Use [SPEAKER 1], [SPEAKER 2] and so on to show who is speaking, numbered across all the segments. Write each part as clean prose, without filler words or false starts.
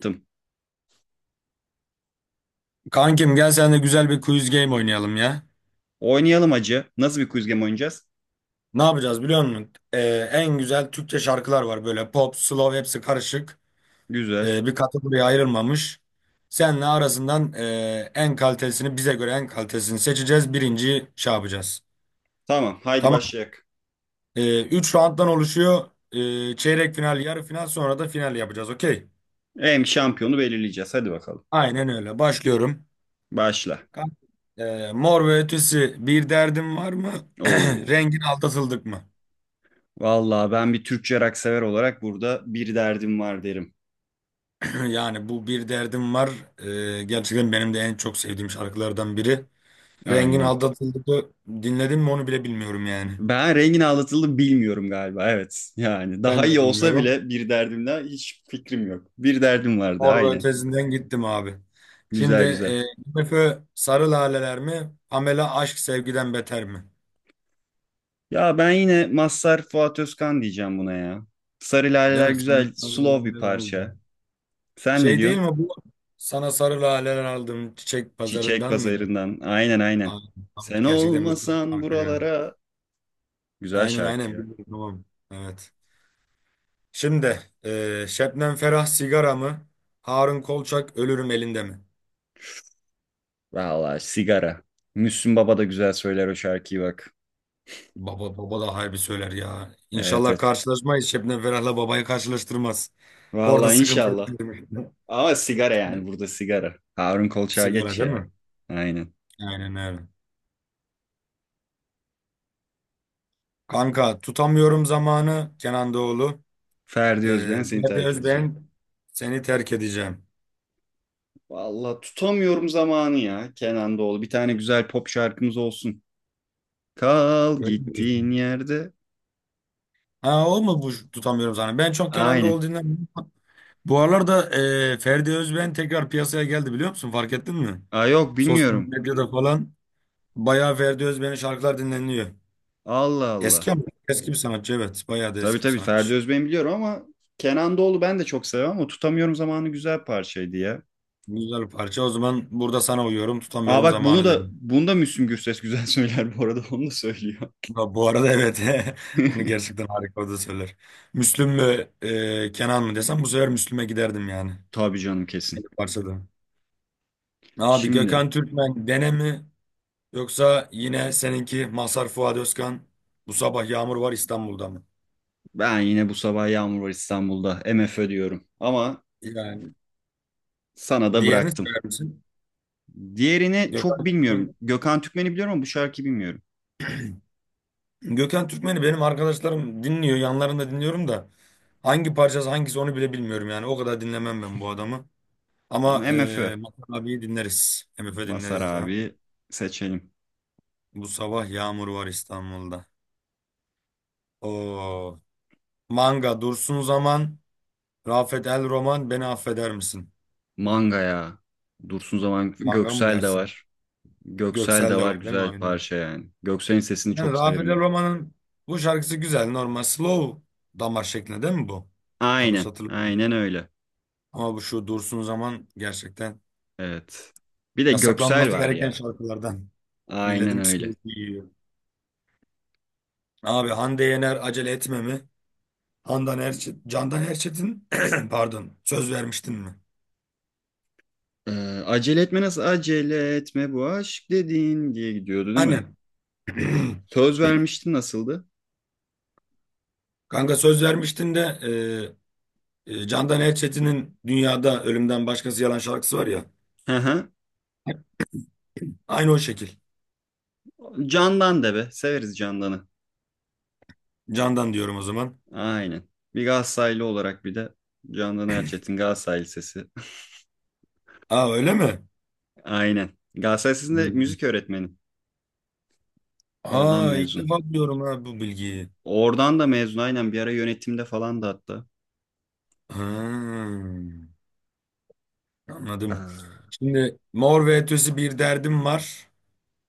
[SPEAKER 1] Tım.
[SPEAKER 2] Kankim gel sen de güzel bir quiz game oynayalım ya.
[SPEAKER 1] Oynayalım acı. Nasıl bir quiz game oynayacağız?
[SPEAKER 2] Ne yapacağız biliyor musun? En güzel Türkçe şarkılar var böyle pop, slow hepsi karışık.
[SPEAKER 1] Güzel.
[SPEAKER 2] Bir kategoriye ayrılmamış. Senle arasından en kalitesini bize göre en kalitesini seçeceğiz. Birinciyi şey yapacağız.
[SPEAKER 1] Tamam, haydi
[SPEAKER 2] Tamam.
[SPEAKER 1] başlayalım.
[SPEAKER 2] Üç rounddan oluşuyor. Çeyrek final, yarı final sonra da final yapacağız. Okey.
[SPEAKER 1] Hem şampiyonu belirleyeceğiz. Hadi bakalım.
[SPEAKER 2] Aynen öyle. Başlıyorum.
[SPEAKER 1] Başla.
[SPEAKER 2] Kanka, Mor ve Ötesi bir derdim var mı?
[SPEAKER 1] Oo.
[SPEAKER 2] Rengin aldatıldık mı?
[SPEAKER 1] Vallahi ben bir Türkçe rock sever olarak burada bir derdim var derim.
[SPEAKER 2] Yani bu bir derdim var. Gerçekten benim de en çok sevdiğim şarkılardan biri. Rengin
[SPEAKER 1] Aynen.
[SPEAKER 2] Aldatıldık'ı dinledim mi onu bile bilmiyorum yani.
[SPEAKER 1] Ben Rengin Ağlatıl'ı bilmiyorum galiba. Evet. Yani daha
[SPEAKER 2] Ben
[SPEAKER 1] iyi
[SPEAKER 2] de
[SPEAKER 1] olsa
[SPEAKER 2] bilmiyorum.
[SPEAKER 1] bile bir derdimle hiç fikrim yok. Bir derdim vardı.
[SPEAKER 2] Mor ve
[SPEAKER 1] Aynen.
[SPEAKER 2] Ötesi'nden gittim abi. Şimdi
[SPEAKER 1] Güzel güzel.
[SPEAKER 2] MF Sarı Laleler mi? Pamela Aşk Sevgiden Beter mi?
[SPEAKER 1] Ya ben yine Mazhar Fuat Özkan diyeceğim buna ya. Sarı
[SPEAKER 2] Değil
[SPEAKER 1] Laleler
[SPEAKER 2] mi? Sana
[SPEAKER 1] güzel,
[SPEAKER 2] sarı
[SPEAKER 1] slow bir
[SPEAKER 2] laleler
[SPEAKER 1] parça.
[SPEAKER 2] aldım.
[SPEAKER 1] Sen ne
[SPEAKER 2] Şey değil
[SPEAKER 1] diyorsun?
[SPEAKER 2] mi bu? Sana sarı laleler aldım çiçek
[SPEAKER 1] Çiçek
[SPEAKER 2] pazarından mıydı?
[SPEAKER 1] Pazarı'ndan. Aynen
[SPEAKER 2] Aa,
[SPEAKER 1] aynen. Sen
[SPEAKER 2] gerçekten müthiş bir
[SPEAKER 1] olmasan
[SPEAKER 2] şarkı ya.
[SPEAKER 1] buralara. Güzel
[SPEAKER 2] Aynen
[SPEAKER 1] şarkı
[SPEAKER 2] aynen
[SPEAKER 1] ya.
[SPEAKER 2] biliyorum tamam. Evet. Şimdi Şebnem Ferah sigara mı? Harun Kolçak ölürüm elinde mi?
[SPEAKER 1] Vallahi sigara. Müslüm Baba da güzel söyler o şarkıyı bak.
[SPEAKER 2] Baba da harbi söyler ya.
[SPEAKER 1] Evet
[SPEAKER 2] İnşallah
[SPEAKER 1] evet.
[SPEAKER 2] karşılaşmayız. Şebnem Ferah'la babayı karşılaştırmaz. Orada
[SPEAKER 1] Vallahi
[SPEAKER 2] sıkıntı yok
[SPEAKER 1] inşallah.
[SPEAKER 2] diyorum.
[SPEAKER 1] Ama sigara yani burada sigara. Harun Kolçak'a
[SPEAKER 2] Sigara
[SPEAKER 1] geç
[SPEAKER 2] değil
[SPEAKER 1] ya.
[SPEAKER 2] mi?
[SPEAKER 1] Aynen.
[SPEAKER 2] Aynen öyle. Kanka tutamıyorum zamanı Kenan Doğulu.
[SPEAKER 1] Ferdi Özben seni
[SPEAKER 2] Ferdi
[SPEAKER 1] terk edeceğim.
[SPEAKER 2] Özbeğen seni terk edeceğim.
[SPEAKER 1] Vallahi tutamıyorum zamanı ya Kenan Doğulu. Bir tane güzel pop şarkımız olsun. Kal
[SPEAKER 2] Öyle mi
[SPEAKER 1] gittiğin
[SPEAKER 2] diyorsun?
[SPEAKER 1] yerde.
[SPEAKER 2] Ha o mu bu tutamıyorum zamanı? Ben çok Kenan Doğulu
[SPEAKER 1] Aynen.
[SPEAKER 2] dinlemiyorum. Bu aralarda Ferdi Özben tekrar piyasaya geldi biliyor musun? Fark ettin mi?
[SPEAKER 1] Aa, yok
[SPEAKER 2] Sosyal
[SPEAKER 1] bilmiyorum.
[SPEAKER 2] medyada falan bayağı Ferdi Özben'in şarkılar dinleniliyor.
[SPEAKER 1] Allah
[SPEAKER 2] Eski
[SPEAKER 1] Allah.
[SPEAKER 2] ama eski bir sanatçı evet. Bayağı da
[SPEAKER 1] Tabii
[SPEAKER 2] eski bir
[SPEAKER 1] tabii Ferdi
[SPEAKER 2] sanatçı.
[SPEAKER 1] Özbey'i biliyorum ama Kenan Doğulu ben de çok seviyorum ama Tutamıyorum Zamanı güzel parçaydı ya.
[SPEAKER 2] Güzel bir parça. O zaman burada sana uyuyorum.
[SPEAKER 1] Aa,
[SPEAKER 2] Tutamıyorum
[SPEAKER 1] bak bunu
[SPEAKER 2] zamanı
[SPEAKER 1] da
[SPEAKER 2] dedim.
[SPEAKER 1] bunu da Müslüm Gürses güzel söyler bu arada onu da söylüyor.
[SPEAKER 2] Bu arada evet. Onu gerçekten harika o da söyler. Müslüm mü Kenan mı desem bu sefer Müslüm'e giderdim yani.
[SPEAKER 1] Tabii canım kesin.
[SPEAKER 2] Benim parçada. Abi
[SPEAKER 1] Şimdi
[SPEAKER 2] Gökhan Türkmen Dene mi? Yoksa yine seninki Mazhar Fuat Özkan bu sabah yağmur var İstanbul'da mı?
[SPEAKER 1] ben yine bu sabah Yağmur Var İstanbul'da M F Ö diyorum ama
[SPEAKER 2] Yani
[SPEAKER 1] sana da
[SPEAKER 2] diğerini
[SPEAKER 1] bıraktım.
[SPEAKER 2] söyler misin?
[SPEAKER 1] Diğerini çok
[SPEAKER 2] Gökhan
[SPEAKER 1] bilmiyorum.
[SPEAKER 2] Türkmen.
[SPEAKER 1] Gökhan Türkmen'i biliyorum ama bu şarkıyı bilmiyorum.
[SPEAKER 2] Gökhan Türkmen'i benim arkadaşlarım dinliyor. Yanlarında dinliyorum da hangi parçası hangisi onu bile bilmiyorum yani. O kadar dinlemem ben bu adamı.
[SPEAKER 1] Ama
[SPEAKER 2] Ama
[SPEAKER 1] M F Ö
[SPEAKER 2] Mazhar abiyi dinleriz. MF
[SPEAKER 1] Masar
[SPEAKER 2] dinleriz ya.
[SPEAKER 1] abi seçelim.
[SPEAKER 2] Bu sabah yağmur var İstanbul'da. Oo. Manga Dursun Zaman, Rafet El Roman beni affeder misin?
[SPEAKER 1] Manga ya. Dursun Zaman
[SPEAKER 2] Manga mı
[SPEAKER 1] Göksel de
[SPEAKER 2] dersin?
[SPEAKER 1] var. Göksel de
[SPEAKER 2] Göksel de
[SPEAKER 1] var
[SPEAKER 2] var değil mi?
[SPEAKER 1] güzel
[SPEAKER 2] Aynen.
[SPEAKER 1] parça yani. Göksel'in sesini
[SPEAKER 2] Yani
[SPEAKER 1] çok
[SPEAKER 2] Rafet
[SPEAKER 1] severim
[SPEAKER 2] El
[SPEAKER 1] ben.
[SPEAKER 2] Roma'nın bu şarkısı güzel. Normal slow damar şeklinde değil mi bu? Yanlış
[SPEAKER 1] Aynen.
[SPEAKER 2] hatırlamıyorum.
[SPEAKER 1] Aynen öyle.
[SPEAKER 2] Ama bu şu Dursun Zaman gerçekten
[SPEAKER 1] Evet. Bir de Göksel
[SPEAKER 2] yasaklanması
[SPEAKER 1] var
[SPEAKER 2] gereken
[SPEAKER 1] ya.
[SPEAKER 2] şarkılardan.
[SPEAKER 1] Aynen
[SPEAKER 2] Milletin
[SPEAKER 1] öyle.
[SPEAKER 2] psikolojisi yiyor. Abi Hande Yener acele etme mi? Handan Erçet, Candan Erçetin pardon söz vermiştin mi?
[SPEAKER 1] Ee, acele etme nasıl? Acele etme bu aşk dediğin diye gidiyordu değil mi?
[SPEAKER 2] Annem.
[SPEAKER 1] Söz vermiştin nasıldı?
[SPEAKER 2] Kanka söz vermiştin de Candan Erçetin'in Dünyada Ölümden Başkası Yalan şarkısı var ya.
[SPEAKER 1] Hı hı.
[SPEAKER 2] Aynı o şekil.
[SPEAKER 1] Candan de be. Severiz Candan'ı.
[SPEAKER 2] Candan diyorum o zaman.
[SPEAKER 1] Aynen. Bir Galatasaraylı olarak bir de Candan Erçetin Galatasaraylı sesi.
[SPEAKER 2] Aa öyle mi?
[SPEAKER 1] Aynen. Galatasaray Lisesi'nde
[SPEAKER 2] Hmm.
[SPEAKER 1] müzik öğretmeni. Oradan
[SPEAKER 2] Aa ilk
[SPEAKER 1] mezun.
[SPEAKER 2] defa duyuyorum ha bu bilgiyi.
[SPEAKER 1] Oradan da mezun aynen bir ara yönetimde falan da hatta.
[SPEAKER 2] Ha, anladım.
[SPEAKER 1] Aa.
[SPEAKER 2] Şimdi Mor ve Ötesi bir derdim var.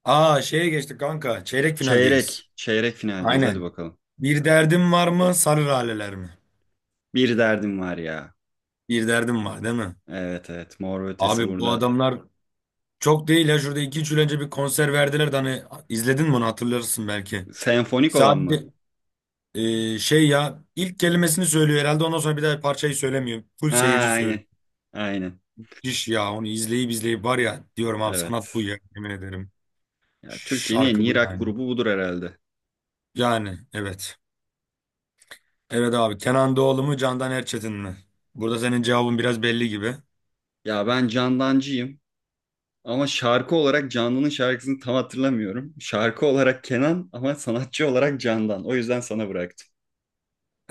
[SPEAKER 2] Aa şeye geçtik kanka. Çeyrek finaldeyiz.
[SPEAKER 1] Çeyrek. Çeyrek finaldeyiz. Hadi
[SPEAKER 2] Aynen.
[SPEAKER 1] bakalım.
[SPEAKER 2] Bir derdim var mı? Sarı laleler mi?
[SPEAKER 1] Bir derdim var ya.
[SPEAKER 2] Bir derdim var değil mi?
[SPEAKER 1] Evet evet. Mor ve Ötesi
[SPEAKER 2] Abi bu
[SPEAKER 1] burada.
[SPEAKER 2] adamlar çok değil ya. Şurada iki üç yıl önce bir konser verdiler de hani izledin mi onu hatırlarsın belki.
[SPEAKER 1] Senfonik olan mı?
[SPEAKER 2] Sadece şey ya ilk kelimesini söylüyor herhalde ondan sonra bir daha parçayı söylemiyor. Full
[SPEAKER 1] Aa,
[SPEAKER 2] seyirci söylüyor.
[SPEAKER 1] aynen. Aynen.
[SPEAKER 2] Müthiş ya onu izleyip izleyip var ya diyorum abi sanat bu
[SPEAKER 1] Evet.
[SPEAKER 2] ya yemin ederim.
[SPEAKER 1] Ya, Türkiye'nin en
[SPEAKER 2] Şarkı bu
[SPEAKER 1] iyi rock
[SPEAKER 2] yani.
[SPEAKER 1] grubu budur herhalde.
[SPEAKER 2] Yani evet. Evet abi Kenan Doğulu mu Candan Erçetin mi? Burada senin cevabın biraz belli gibi.
[SPEAKER 1] Ya ben Candancıyım. Ama şarkı olarak Canlı'nın şarkısını tam hatırlamıyorum. Şarkı olarak Kenan ama sanatçı olarak Candan. O yüzden sana bıraktım.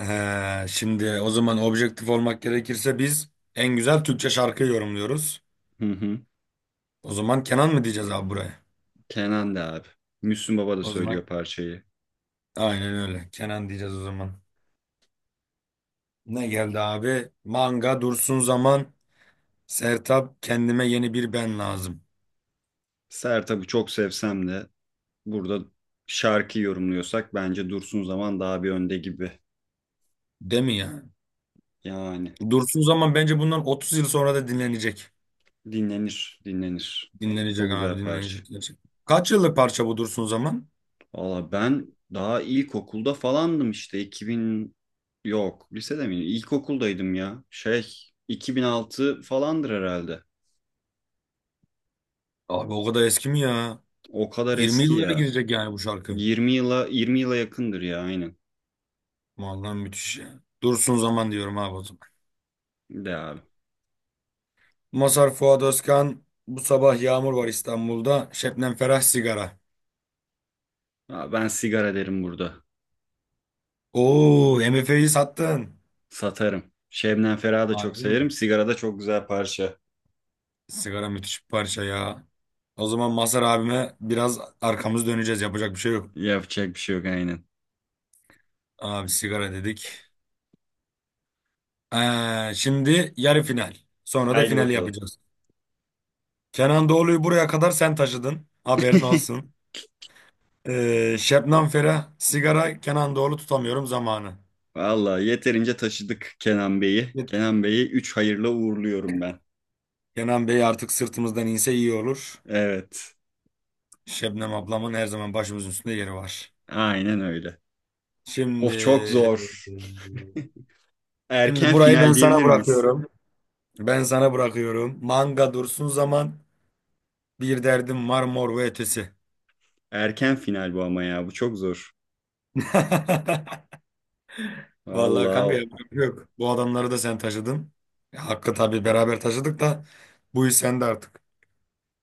[SPEAKER 2] Şimdi o zaman objektif olmak gerekirse biz en güzel Türkçe şarkıyı yorumluyoruz.
[SPEAKER 1] Hı hı.
[SPEAKER 2] O zaman Kenan mı diyeceğiz abi buraya?
[SPEAKER 1] Kenan da abi. Müslüm Baba da
[SPEAKER 2] O
[SPEAKER 1] söylüyor
[SPEAKER 2] zaman
[SPEAKER 1] parçayı.
[SPEAKER 2] aynen öyle Kenan diyeceğiz o zaman. Ne geldi abi? Manga Dursun Zaman Sertab Kendime Yeni Bir Ben Lazım.
[SPEAKER 1] Sertab'ı çok sevsem de burada şarkı yorumluyorsak bence Dursun Zaman daha bir önde gibi.
[SPEAKER 2] Değil mi ya?
[SPEAKER 1] Yani
[SPEAKER 2] Dursun Zaman bence bundan 30 yıl sonra da dinlenecek.
[SPEAKER 1] dinlenir, dinlenir. Çok
[SPEAKER 2] Dinlenecek abi
[SPEAKER 1] güzel parça.
[SPEAKER 2] dinlenecek gerçekten. Kaç yıllık parça bu Dursun Zaman?
[SPEAKER 1] Valla ben daha ilkokulda falandım işte 2000, yok lisede miydim? İlkokuldaydım ya. 2006 falandır herhalde.
[SPEAKER 2] Abi o kadar eski mi ya?
[SPEAKER 1] O kadar
[SPEAKER 2] 20
[SPEAKER 1] eski
[SPEAKER 2] yıllara
[SPEAKER 1] ya.
[SPEAKER 2] girecek yani bu şarkı.
[SPEAKER 1] 20 yıla 20 yıla yakındır ya aynen.
[SPEAKER 2] Vallahi müthiş ya. Dursun Zaman diyorum abi o zaman.
[SPEAKER 1] De abi.
[SPEAKER 2] Masar Fuat Özkan bu sabah yağmur var İstanbul'da. Şebnem Ferah sigara.
[SPEAKER 1] Aa, ben sigara derim burada.
[SPEAKER 2] Oo MF'yi sattın.
[SPEAKER 1] Satarım. Şebnem Ferah'ı da çok
[SPEAKER 2] Harbi mi?
[SPEAKER 1] severim. Sigara da çok güzel parça.
[SPEAKER 2] Sigara müthiş bir parça ya. O zaman Masar abime biraz arkamız döneceğiz. Yapacak bir şey yok.
[SPEAKER 1] Yapacak bir şey yok aynen.
[SPEAKER 2] Abi sigara dedik. Şimdi yarı final. Sonra da
[SPEAKER 1] Haydi
[SPEAKER 2] final
[SPEAKER 1] bakalım.
[SPEAKER 2] yapacağız. Kenan Doğulu'yu buraya kadar sen taşıdın. Haberin olsun. Şebnem Ferah, sigara, Kenan Doğulu tutamıyorum zamanı.
[SPEAKER 1] Vallahi yeterince taşıdık Kenan Bey'i.
[SPEAKER 2] Evet.
[SPEAKER 1] Kenan Bey'i 3 hayırla uğurluyorum ben.
[SPEAKER 2] Kenan Bey artık sırtımızdan inse iyi olur.
[SPEAKER 1] Evet.
[SPEAKER 2] Şebnem ablamın her zaman başımızın üstünde yeri var.
[SPEAKER 1] Aynen öyle.
[SPEAKER 2] Şimdi
[SPEAKER 1] Of, çok zor.
[SPEAKER 2] şimdi
[SPEAKER 1] Erken
[SPEAKER 2] burayı ben
[SPEAKER 1] final
[SPEAKER 2] sana
[SPEAKER 1] diyebilir miyiz?
[SPEAKER 2] bırakıyorum. Ben sana bırakıyorum. Manga dursun zaman bir derdim var mor ve ötesi.
[SPEAKER 1] Erken final bu ama ya. Bu çok zor.
[SPEAKER 2] Vallahi
[SPEAKER 1] Vallahi
[SPEAKER 2] kanka yapacak bir şey yok. Bu adamları da sen taşıdın. Ya, hakkı tabii beraber taşıdık da bu iş sende artık.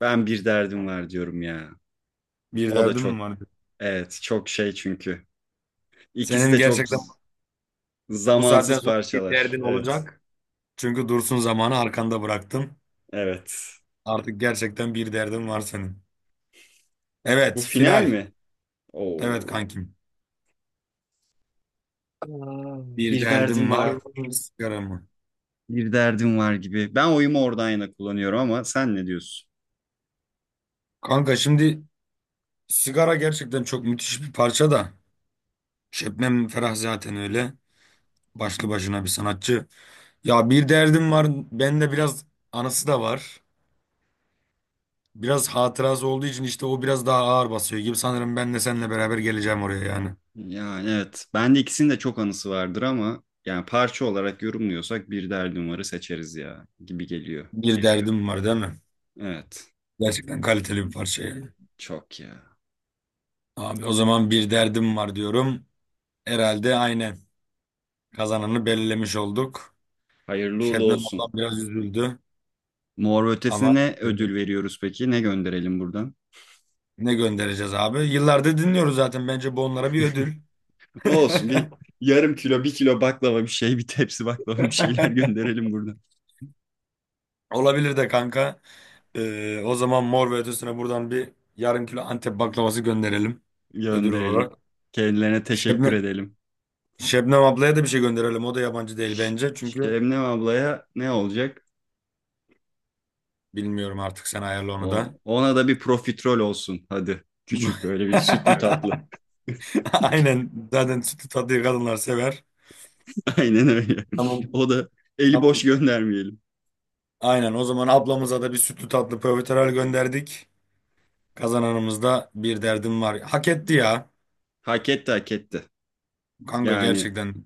[SPEAKER 1] ben bir derdim var diyorum ya.
[SPEAKER 2] Bir
[SPEAKER 1] O da
[SPEAKER 2] derdin mi
[SPEAKER 1] çok
[SPEAKER 2] var?
[SPEAKER 1] evet çok şey çünkü. İkisi
[SPEAKER 2] Senin
[SPEAKER 1] de çok
[SPEAKER 2] gerçekten bu saatten
[SPEAKER 1] zamansız
[SPEAKER 2] sonra bir
[SPEAKER 1] parçalar.
[SPEAKER 2] derdin
[SPEAKER 1] Evet.
[SPEAKER 2] olacak. Çünkü Dursun zamanı arkanda bıraktın.
[SPEAKER 1] Evet.
[SPEAKER 2] Artık gerçekten bir derdin var senin. Evet
[SPEAKER 1] Bu final
[SPEAKER 2] final.
[SPEAKER 1] mi?
[SPEAKER 2] Evet
[SPEAKER 1] Oo.
[SPEAKER 2] kankim.
[SPEAKER 1] Aa.
[SPEAKER 2] Bir
[SPEAKER 1] Bir derdim
[SPEAKER 2] derdim var
[SPEAKER 1] var.
[SPEAKER 2] mı? Sigara mı?
[SPEAKER 1] Bir derdim var gibi. Ben oyumu oradan yana kullanıyorum ama sen ne diyorsun?
[SPEAKER 2] Kanka şimdi sigara gerçekten çok müthiş bir parça da. Şebnem Ferah zaten öyle. Başlı başına bir sanatçı. Ya bir derdim var. Bende biraz anısı da var. Biraz hatırası olduğu için işte o biraz daha ağır basıyor gibi. Sanırım ben de seninle beraber geleceğim oraya yani.
[SPEAKER 1] Yani evet. Bende ikisinin de çok anısı vardır ama yani parça olarak yorumluyorsak bir derdim varı seçeriz ya gibi geliyor.
[SPEAKER 2] Bir derdim var değil mi?
[SPEAKER 1] Evet.
[SPEAKER 2] Gerçekten kaliteli bir parça yani.
[SPEAKER 1] Çok ya.
[SPEAKER 2] Abi o zaman bir derdim var diyorum. Herhalde aynen. Kazananı belirlemiş olduk.
[SPEAKER 1] Hayırlı uğurlu
[SPEAKER 2] Şebnem
[SPEAKER 1] olsun.
[SPEAKER 2] ablam biraz üzüldü.
[SPEAKER 1] Mor ve
[SPEAKER 2] Ama
[SPEAKER 1] ötesine ne
[SPEAKER 2] e,
[SPEAKER 1] ödül veriyoruz peki? Ne gönderelim buradan?
[SPEAKER 2] ne göndereceğiz abi? Yıllardır dinliyoruz zaten. Bence bu onlara bir ödül.
[SPEAKER 1] O olsun bir yarım kilo, bir kilo baklava bir şey, bir tepsi baklava bir şeyler gönderelim buradan.
[SPEAKER 2] Olabilir de kanka. O zaman Mor ve Ötesi'ne buradan bir yarım kilo Antep baklavası gönderelim ödül
[SPEAKER 1] Gönderelim.
[SPEAKER 2] olarak.
[SPEAKER 1] Kendilerine teşekkür
[SPEAKER 2] Şebnem,
[SPEAKER 1] edelim.
[SPEAKER 2] Şebnem ablaya da bir şey gönderelim. O da yabancı değil
[SPEAKER 1] Ş-
[SPEAKER 2] bence. Çünkü
[SPEAKER 1] Şebnem ablaya ne olacak?
[SPEAKER 2] bilmiyorum artık sen ayarla onu
[SPEAKER 1] O,
[SPEAKER 2] da.
[SPEAKER 1] ona da bir profiterol olsun hadi. Küçük böyle bir sütlü tatlı.
[SPEAKER 2] Aynen. Zaten sütlü tatlıyı kadınlar sever.
[SPEAKER 1] Aynen öyle.
[SPEAKER 2] Tamam.
[SPEAKER 1] O da eli boş
[SPEAKER 2] Tamam.
[SPEAKER 1] göndermeyelim.
[SPEAKER 2] Aynen. O zaman ablamıza da bir sütlü tatlı profiterol gönderdik. Kazananımız da bir derdim var. Hak etti ya.
[SPEAKER 1] Hak etti hak etti.
[SPEAKER 2] Kanka
[SPEAKER 1] Yani
[SPEAKER 2] gerçekten.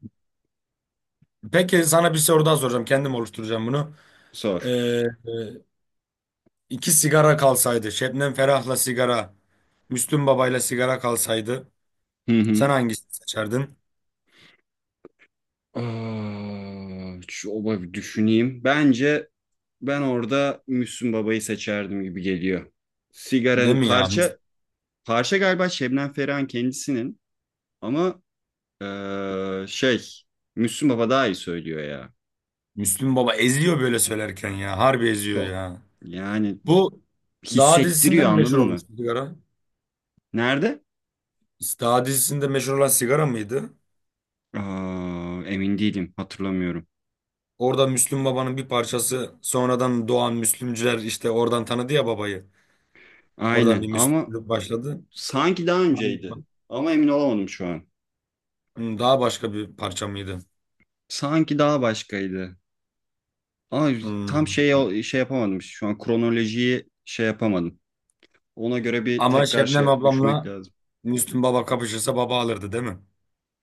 [SPEAKER 2] Peki sana bir soru daha soracağım. Kendim oluşturacağım bunu. Ee,
[SPEAKER 1] sor.
[SPEAKER 2] e, İki sigara kalsaydı. Şebnem Ferah'la sigara. Müslüm Baba'yla sigara kalsaydı.
[SPEAKER 1] Hı
[SPEAKER 2] Sen
[SPEAKER 1] hı.
[SPEAKER 2] hangisini seçerdin?
[SPEAKER 1] Aa, oba bir düşüneyim. Bence ben orada Müslüm Baba'yı seçerdim gibi geliyor.
[SPEAKER 2] Değil
[SPEAKER 1] Sigaranın
[SPEAKER 2] mi ya? Müs-
[SPEAKER 1] parça galiba Şebnem Ferah'ın kendisinin ama eee, şey Müslüm Baba daha iyi söylüyor ya.
[SPEAKER 2] Müslüm Baba eziyor böyle söylerken ya. Harbi eziyor
[SPEAKER 1] Çok.
[SPEAKER 2] ya.
[SPEAKER 1] Yani
[SPEAKER 2] Bu Dağ dizisinden
[SPEAKER 1] hissettiriyor
[SPEAKER 2] mi meşhur
[SPEAKER 1] anladın mı?
[SPEAKER 2] olmuştu sigara?
[SPEAKER 1] Nerede?
[SPEAKER 2] Dağ dizisinde meşhur olan sigara mıydı?
[SPEAKER 1] Aa, emin değilim hatırlamıyorum.
[SPEAKER 2] Orada Müslüm Baba'nın bir parçası sonradan doğan Müslümcüler işte oradan tanıdı ya babayı. Oradan
[SPEAKER 1] Aynen
[SPEAKER 2] bir
[SPEAKER 1] ama
[SPEAKER 2] Müslümlük başladı.
[SPEAKER 1] sanki daha
[SPEAKER 2] Aynı-
[SPEAKER 1] önceydi. Ama emin olamadım şu an.
[SPEAKER 2] Daha başka bir parça mıydı?
[SPEAKER 1] Sanki daha başkaydı. Ama
[SPEAKER 2] Hmm.
[SPEAKER 1] tam şey yapamadım. İşte, şu an kronolojiyi şey yapamadım. Ona göre bir
[SPEAKER 2] Ama
[SPEAKER 1] tekrar
[SPEAKER 2] Şebnem
[SPEAKER 1] şey düşmek
[SPEAKER 2] ablamla
[SPEAKER 1] lazım.
[SPEAKER 2] Müslüm Baba kapışırsa baba alırdı değil mi?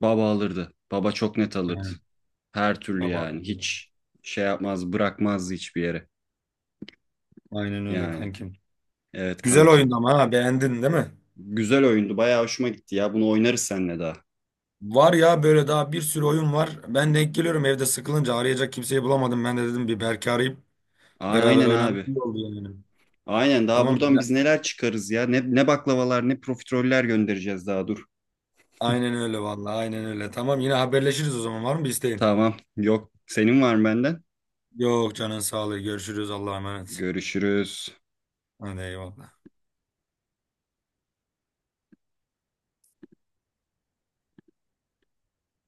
[SPEAKER 1] Baba alırdı. Baba çok net alırdı.
[SPEAKER 2] Aynen.
[SPEAKER 1] Her türlü
[SPEAKER 2] Baba
[SPEAKER 1] yani.
[SPEAKER 2] alırdı.
[SPEAKER 1] Hiç şey yapmaz, bırakmazdı hiçbir yere.
[SPEAKER 2] Aynen öyle
[SPEAKER 1] Yani.
[SPEAKER 2] kankim.
[SPEAKER 1] Evet
[SPEAKER 2] Güzel oyun
[SPEAKER 1] kankim.
[SPEAKER 2] ama ha beğendin değil mi?
[SPEAKER 1] Güzel oyundu. Bayağı hoşuma gitti ya. Bunu oynarız seninle daha.
[SPEAKER 2] Var ya böyle daha bir sürü oyun var. Ben denk geliyorum evde sıkılınca arayacak kimseyi bulamadım. Ben de dedim bir Berk'i arayıp
[SPEAKER 1] Aa,
[SPEAKER 2] beraber
[SPEAKER 1] aynen
[SPEAKER 2] oynarız
[SPEAKER 1] abi.
[SPEAKER 2] iyi oldu yani.
[SPEAKER 1] Aynen daha
[SPEAKER 2] Tamam
[SPEAKER 1] buradan
[SPEAKER 2] güzel.
[SPEAKER 1] biz neler çıkarız ya. Ne baklavalar ne profiteroller göndereceğiz daha dur.
[SPEAKER 2] Aynen öyle vallahi aynen öyle. Tamam yine haberleşiriz o zaman var mı bir isteğin?
[SPEAKER 1] Tamam yok. Senin var mı benden?
[SPEAKER 2] Yok canın sağlığı görüşürüz Allah'a emanet.
[SPEAKER 1] Görüşürüz.
[SPEAKER 2] Hadi eyvallah.